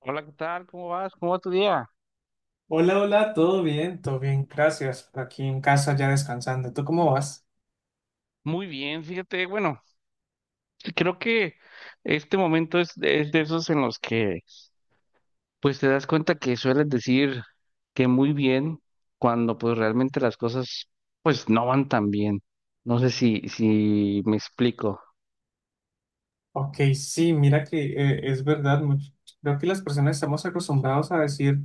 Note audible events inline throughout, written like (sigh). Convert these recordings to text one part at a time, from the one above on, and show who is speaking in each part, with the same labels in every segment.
Speaker 1: Hola, ¿qué tal? ¿Cómo vas? ¿Cómo va tu día?
Speaker 2: Hola, hola, todo bien, gracias. Aquí en casa ya descansando. ¿Tú cómo vas?
Speaker 1: Muy bien, fíjate, bueno, creo que este momento es de esos en los que pues te das cuenta que sueles decir que muy bien cuando pues realmente las cosas pues no van tan bien. No sé si me explico.
Speaker 2: Ok, sí, mira que es verdad, creo que las personas estamos acostumbrados a decir,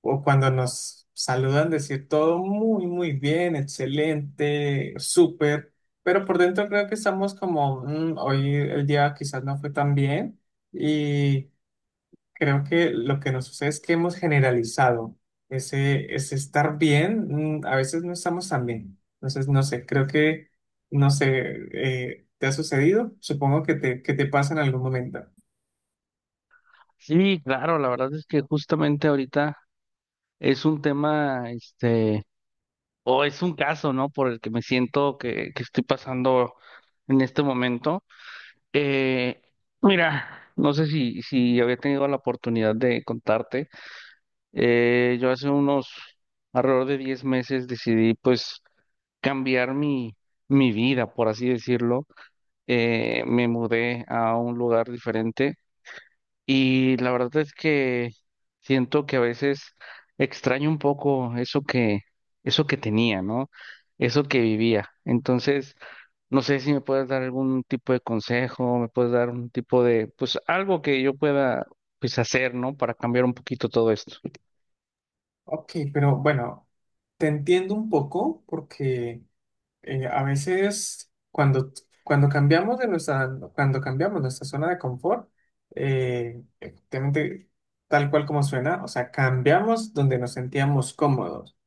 Speaker 2: o cuando nos saludan, decir todo muy, muy bien, excelente, súper, pero por dentro creo que estamos como, "Mm, hoy el día quizás no fue tan bien". Creo que lo que nos sucede es que hemos generalizado ese estar bien, a veces no estamos tan bien. Entonces, no sé, no sé, ¿te ha sucedido? Supongo que te pasa en algún momento.
Speaker 1: Sí, claro, la verdad es que justamente ahorita es un tema, este, o es un caso, ¿no? Por el que me siento que estoy pasando en este momento. Eh, Mira, no sé si había tenido la oportunidad de contarte. Yo hace unos alrededor de 10 meses decidí pues cambiar mi vida, por así decirlo. Me mudé a un lugar diferente y la verdad es que siento que a veces extraño un poco eso que tenía, ¿no? Eso que vivía. Entonces no sé si me puedes dar algún tipo de consejo, me puedes dar un tipo de, pues algo que yo pueda, pues hacer, ¿no? Para cambiar un poquito todo esto.
Speaker 2: Ok, pero bueno, te entiendo un poco porque a veces cuando cuando cambiamos nuestra zona de confort, efectivamente, tal cual como suena, o sea, cambiamos donde nos sentíamos cómodos.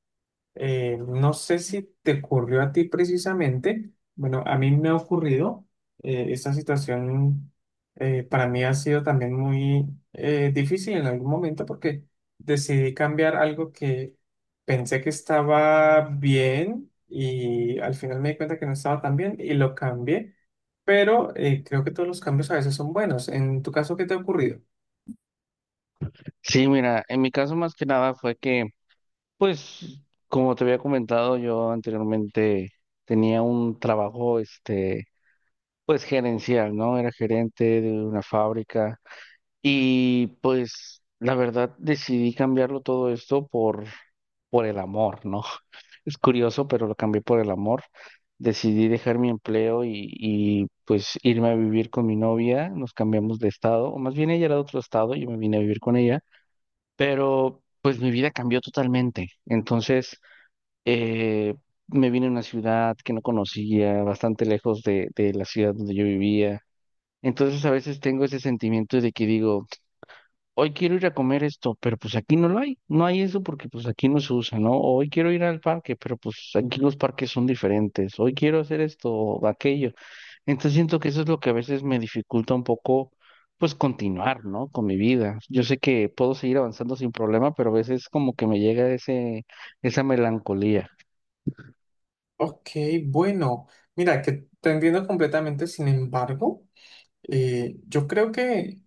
Speaker 2: No sé si te ocurrió a ti precisamente. Bueno, a mí me ha ocurrido. Esta situación, para mí ha sido también muy difícil en algún momento, porque decidí cambiar algo que pensé que estaba bien y al final me di cuenta que no estaba tan bien y lo cambié. Pero creo que todos los cambios a veces son buenos. En tu caso, ¿qué te ha ocurrido?
Speaker 1: Sí, mira, en mi caso más que nada fue que, pues, como te había comentado, yo anteriormente tenía un trabajo, este, pues gerencial, ¿no? Era gerente de una fábrica. Y pues la verdad decidí cambiarlo todo esto por el amor, ¿no? (laughs) Es curioso, pero lo cambié por el amor. Decidí dejar mi empleo y pues irme a vivir con mi novia. Nos cambiamos de estado, o más bien ella era de otro estado, yo me vine a vivir con ella, pero pues mi vida cambió totalmente. Entonces, eh, me vine a una ciudad que no conocía, bastante lejos de la ciudad donde yo vivía. Entonces a veces tengo ese sentimiento de que digo, hoy quiero ir a comer esto, pero pues aquí no lo hay, no hay eso porque pues aquí no se usa, ¿no? O hoy quiero ir al parque, pero pues aquí los parques son diferentes, hoy quiero hacer esto o aquello. Entonces siento que eso es lo que a veces me dificulta un poco, pues continuar, ¿no? Con mi vida. Yo sé que puedo seguir avanzando sin problema, pero a veces como que me llega esa melancolía.
Speaker 2: Ok, bueno, mira, que te entiendo completamente, sin embargo. Yo creo que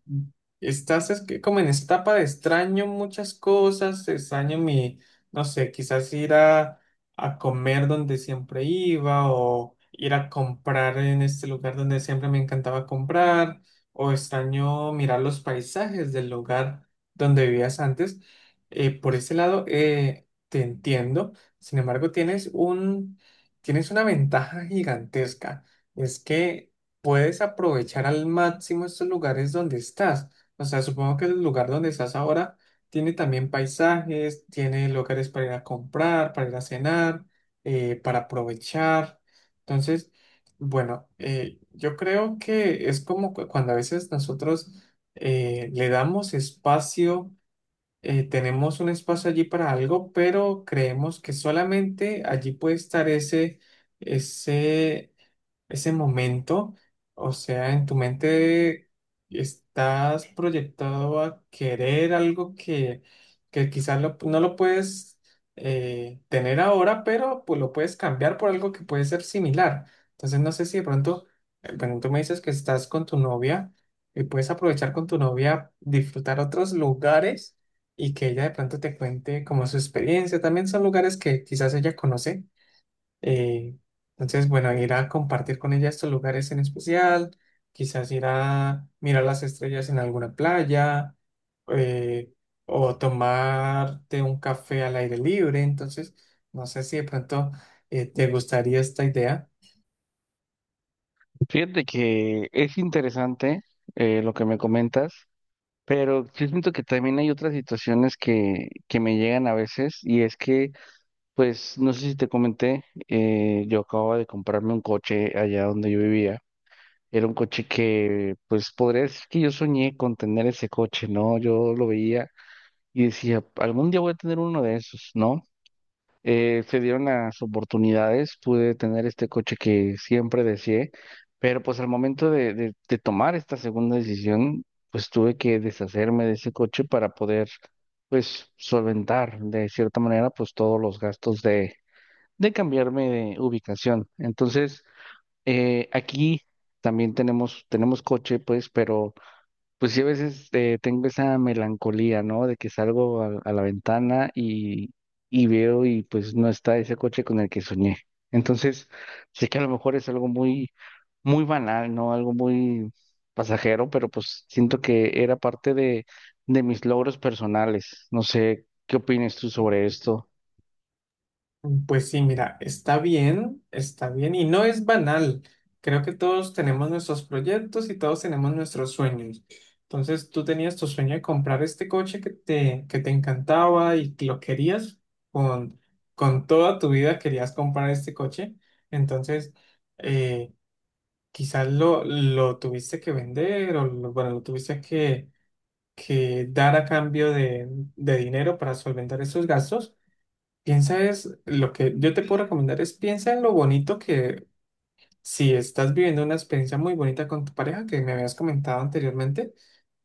Speaker 2: estás es que como en esta etapa de extraño muchas cosas, extraño mi, no sé, quizás ir a comer donde siempre iba, o ir a comprar en este lugar donde siempre me encantaba comprar, o extraño mirar los paisajes del lugar donde vivías antes. Por ese lado, te entiendo. Sin embargo, tienes una ventaja gigantesca. Es que puedes aprovechar al máximo estos lugares donde estás. O sea, supongo que el lugar donde estás ahora tiene también paisajes, tiene lugares para ir a comprar, para ir a cenar, para aprovechar. Entonces, bueno, yo creo que es como cuando a veces nosotros le damos espacio, tenemos un espacio allí para algo, pero creemos que solamente allí puede estar ese ese momento. O sea, en tu mente estás proyectado a querer algo que quizás no lo puedes tener ahora, pero pues lo puedes cambiar por algo que puede ser similar. Entonces, no sé si de pronto, bueno, tú me dices que estás con tu novia y puedes aprovechar con tu novia, disfrutar otros lugares, y que ella de pronto te cuente como su experiencia. También son lugares que quizás ella conoce. eh, entonces, bueno, ir a compartir con ella estos lugares en especial, quizás ir a mirar las estrellas en alguna playa, eh, o tomarte un café al aire libre. Entonces, no sé si de pronto te gustaría esta idea.
Speaker 1: Fíjate que es interesante lo que me comentas, pero yo siento que también hay otras situaciones que me llegan a veces y es que pues no sé si te comenté, yo acababa de comprarme un coche allá donde yo vivía. Era un coche que, pues podría decir que yo soñé con tener ese coche, ¿no? Yo lo veía y decía, algún día voy a tener uno de esos, ¿no? Se dieron las oportunidades, pude tener este coche que siempre deseé, pero pues al momento de tomar esta segunda decisión, pues tuve que deshacerme de ese coche para poder, pues, solventar de cierta manera, pues todos los gastos de cambiarme de ubicación. Entonces, aquí también tenemos coche, pues, pero pues sí a veces tengo esa melancolía, ¿no? De que salgo a la ventana y veo y pues no está ese coche con el que soñé. Entonces, sé que a lo mejor es algo muy banal, ¿no? Algo muy pasajero, pero pues siento que era parte de mis logros personales. No sé, ¿qué opinas tú sobre esto?
Speaker 2: Pues sí, mira, está bien y no es banal. Creo que todos tenemos nuestros proyectos y todos tenemos nuestros sueños. Entonces, tú tenías tu sueño de comprar este coche que te encantaba y que lo querías con, con toda tu vida, querías comprar este coche. Entonces, eh, quizás lo tuviste que vender o bueno, lo tuviste que dar a cambio de dinero para solventar esos gastos. Piensa, es lo que yo te puedo recomendar, es piensa en lo bonito que, si estás viviendo una experiencia muy bonita con tu pareja que me habías comentado anteriormente,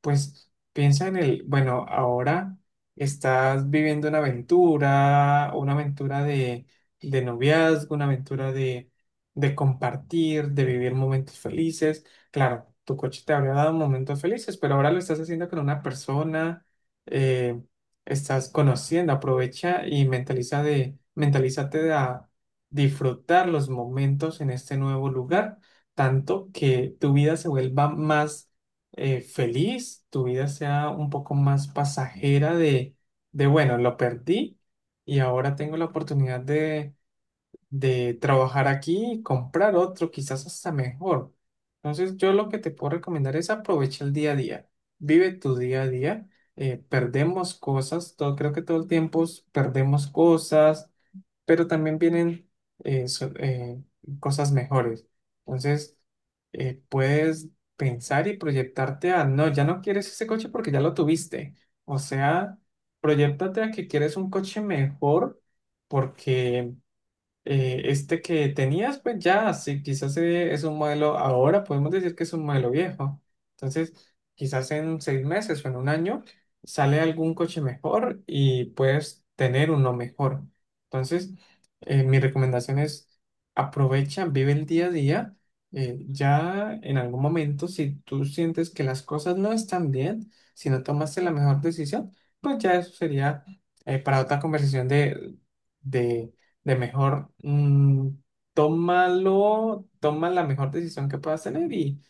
Speaker 2: pues piensa en el, bueno, ahora estás viviendo una aventura de noviazgo, una aventura de compartir, de vivir momentos felices. Claro, tu coche te habría dado momentos felices, pero ahora lo estás haciendo con una persona, eh, estás conociendo, aprovecha y mentalízate disfrutar los momentos en este nuevo lugar, tanto que tu vida se vuelva más feliz, tu vida sea un poco más pasajera de, bueno, lo perdí y ahora tengo la oportunidad de trabajar aquí y comprar otro, quizás hasta mejor. Entonces, yo lo que te puedo recomendar es aprovecha el día a día, vive tu día a día. Perdemos cosas, todo, creo que todo el tiempo perdemos cosas, pero también vienen eh, so- eh, cosas mejores. Entonces, puedes pensar y proyectarte a, no, ya no quieres ese coche porque ya lo tuviste. O sea, proyectate a que quieres un coche mejor, porque este que tenías, pues ya, sí, quizás es un modelo, ahora podemos decir que es un modelo viejo. Entonces, quizás en seis meses o en un año sale algún coche mejor y puedes tener uno mejor. Entonces, mi recomendación es aprovecha, vive el día a día. Ya en algún momento, si tú sientes que las cosas no están bien, si no tomaste la mejor decisión, pues ya eso sería para otra conversación de de mejor. Tómalo, toma la mejor decisión que puedas tener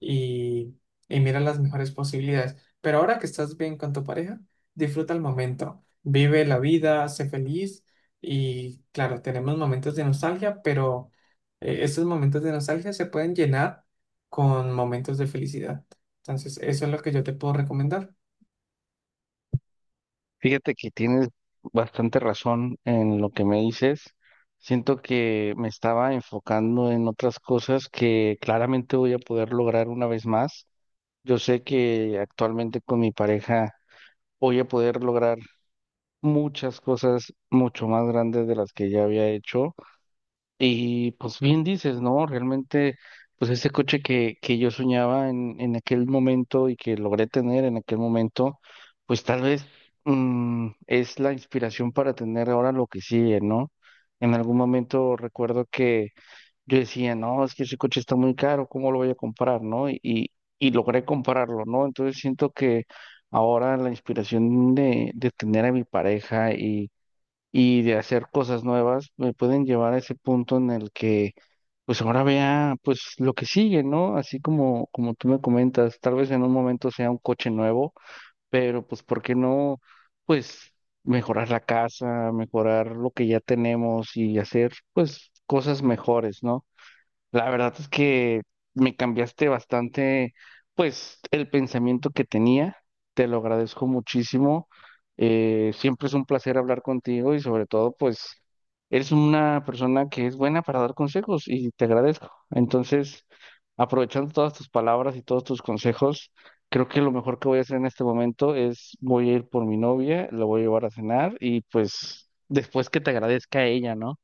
Speaker 2: y, y mira las mejores posibilidades. Pero ahora que estás bien con tu pareja, disfruta el momento, vive la vida, sé feliz, y claro, tenemos momentos de nostalgia, pero estos momentos de nostalgia se pueden llenar con momentos de felicidad. Entonces, eso es lo que yo te puedo recomendar.
Speaker 1: Fíjate que tienes bastante razón en lo que me dices. Siento que me estaba enfocando en otras cosas que claramente voy a poder lograr una vez más. Yo sé que actualmente con mi pareja voy a poder lograr muchas cosas mucho más grandes de las que ya había hecho. Y pues bien dices, ¿no? Realmente, pues ese coche que yo soñaba en aquel momento y que logré tener en aquel momento, pues tal vez es la inspiración para tener ahora lo que sigue, ¿no? En algún momento recuerdo que yo decía, no, es que ese coche está muy caro, ¿cómo lo voy a comprar, no? Y logré comprarlo, ¿no? Entonces siento que ahora la inspiración de tener a mi pareja y de hacer cosas nuevas, me pueden llevar a ese punto en el que, pues ahora vea, pues lo que sigue, ¿no? Así como tú me comentas, tal vez en un momento sea un coche nuevo, pero pues, ¿por qué no? Pues mejorar la casa, mejorar lo que ya tenemos y hacer, pues, cosas mejores, ¿no? La verdad es que me cambiaste bastante, pues, el pensamiento que tenía. Te lo agradezco muchísimo. Siempre es un placer hablar contigo y sobre todo, pues, eres una persona que es buena para dar consejos y te agradezco. Entonces, aprovechando todas tus palabras y todos tus consejos, creo que lo mejor que voy a hacer en este momento es voy a ir por mi novia, la voy a llevar a cenar y pues después que te agradezca a ella, ¿no?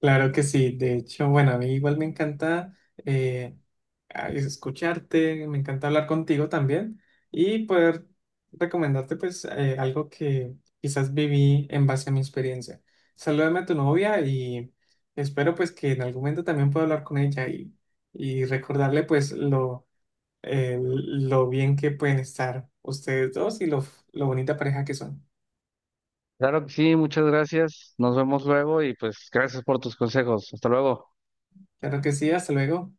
Speaker 2: Claro que sí, de hecho, bueno, a mí igual me encanta eh, escucharte, me encanta hablar contigo también y poder recomendarte pues algo que quizás viví en base a mi experiencia. Salúdame a tu novia y espero pues que en algún momento también pueda hablar con ella y recordarle pues lo bien que pueden estar ustedes dos y lo bonita pareja que son.
Speaker 1: Claro que sí, muchas gracias. Nos vemos luego y pues gracias por tus consejos. Hasta luego.
Speaker 2: Claro que sí, hasta luego.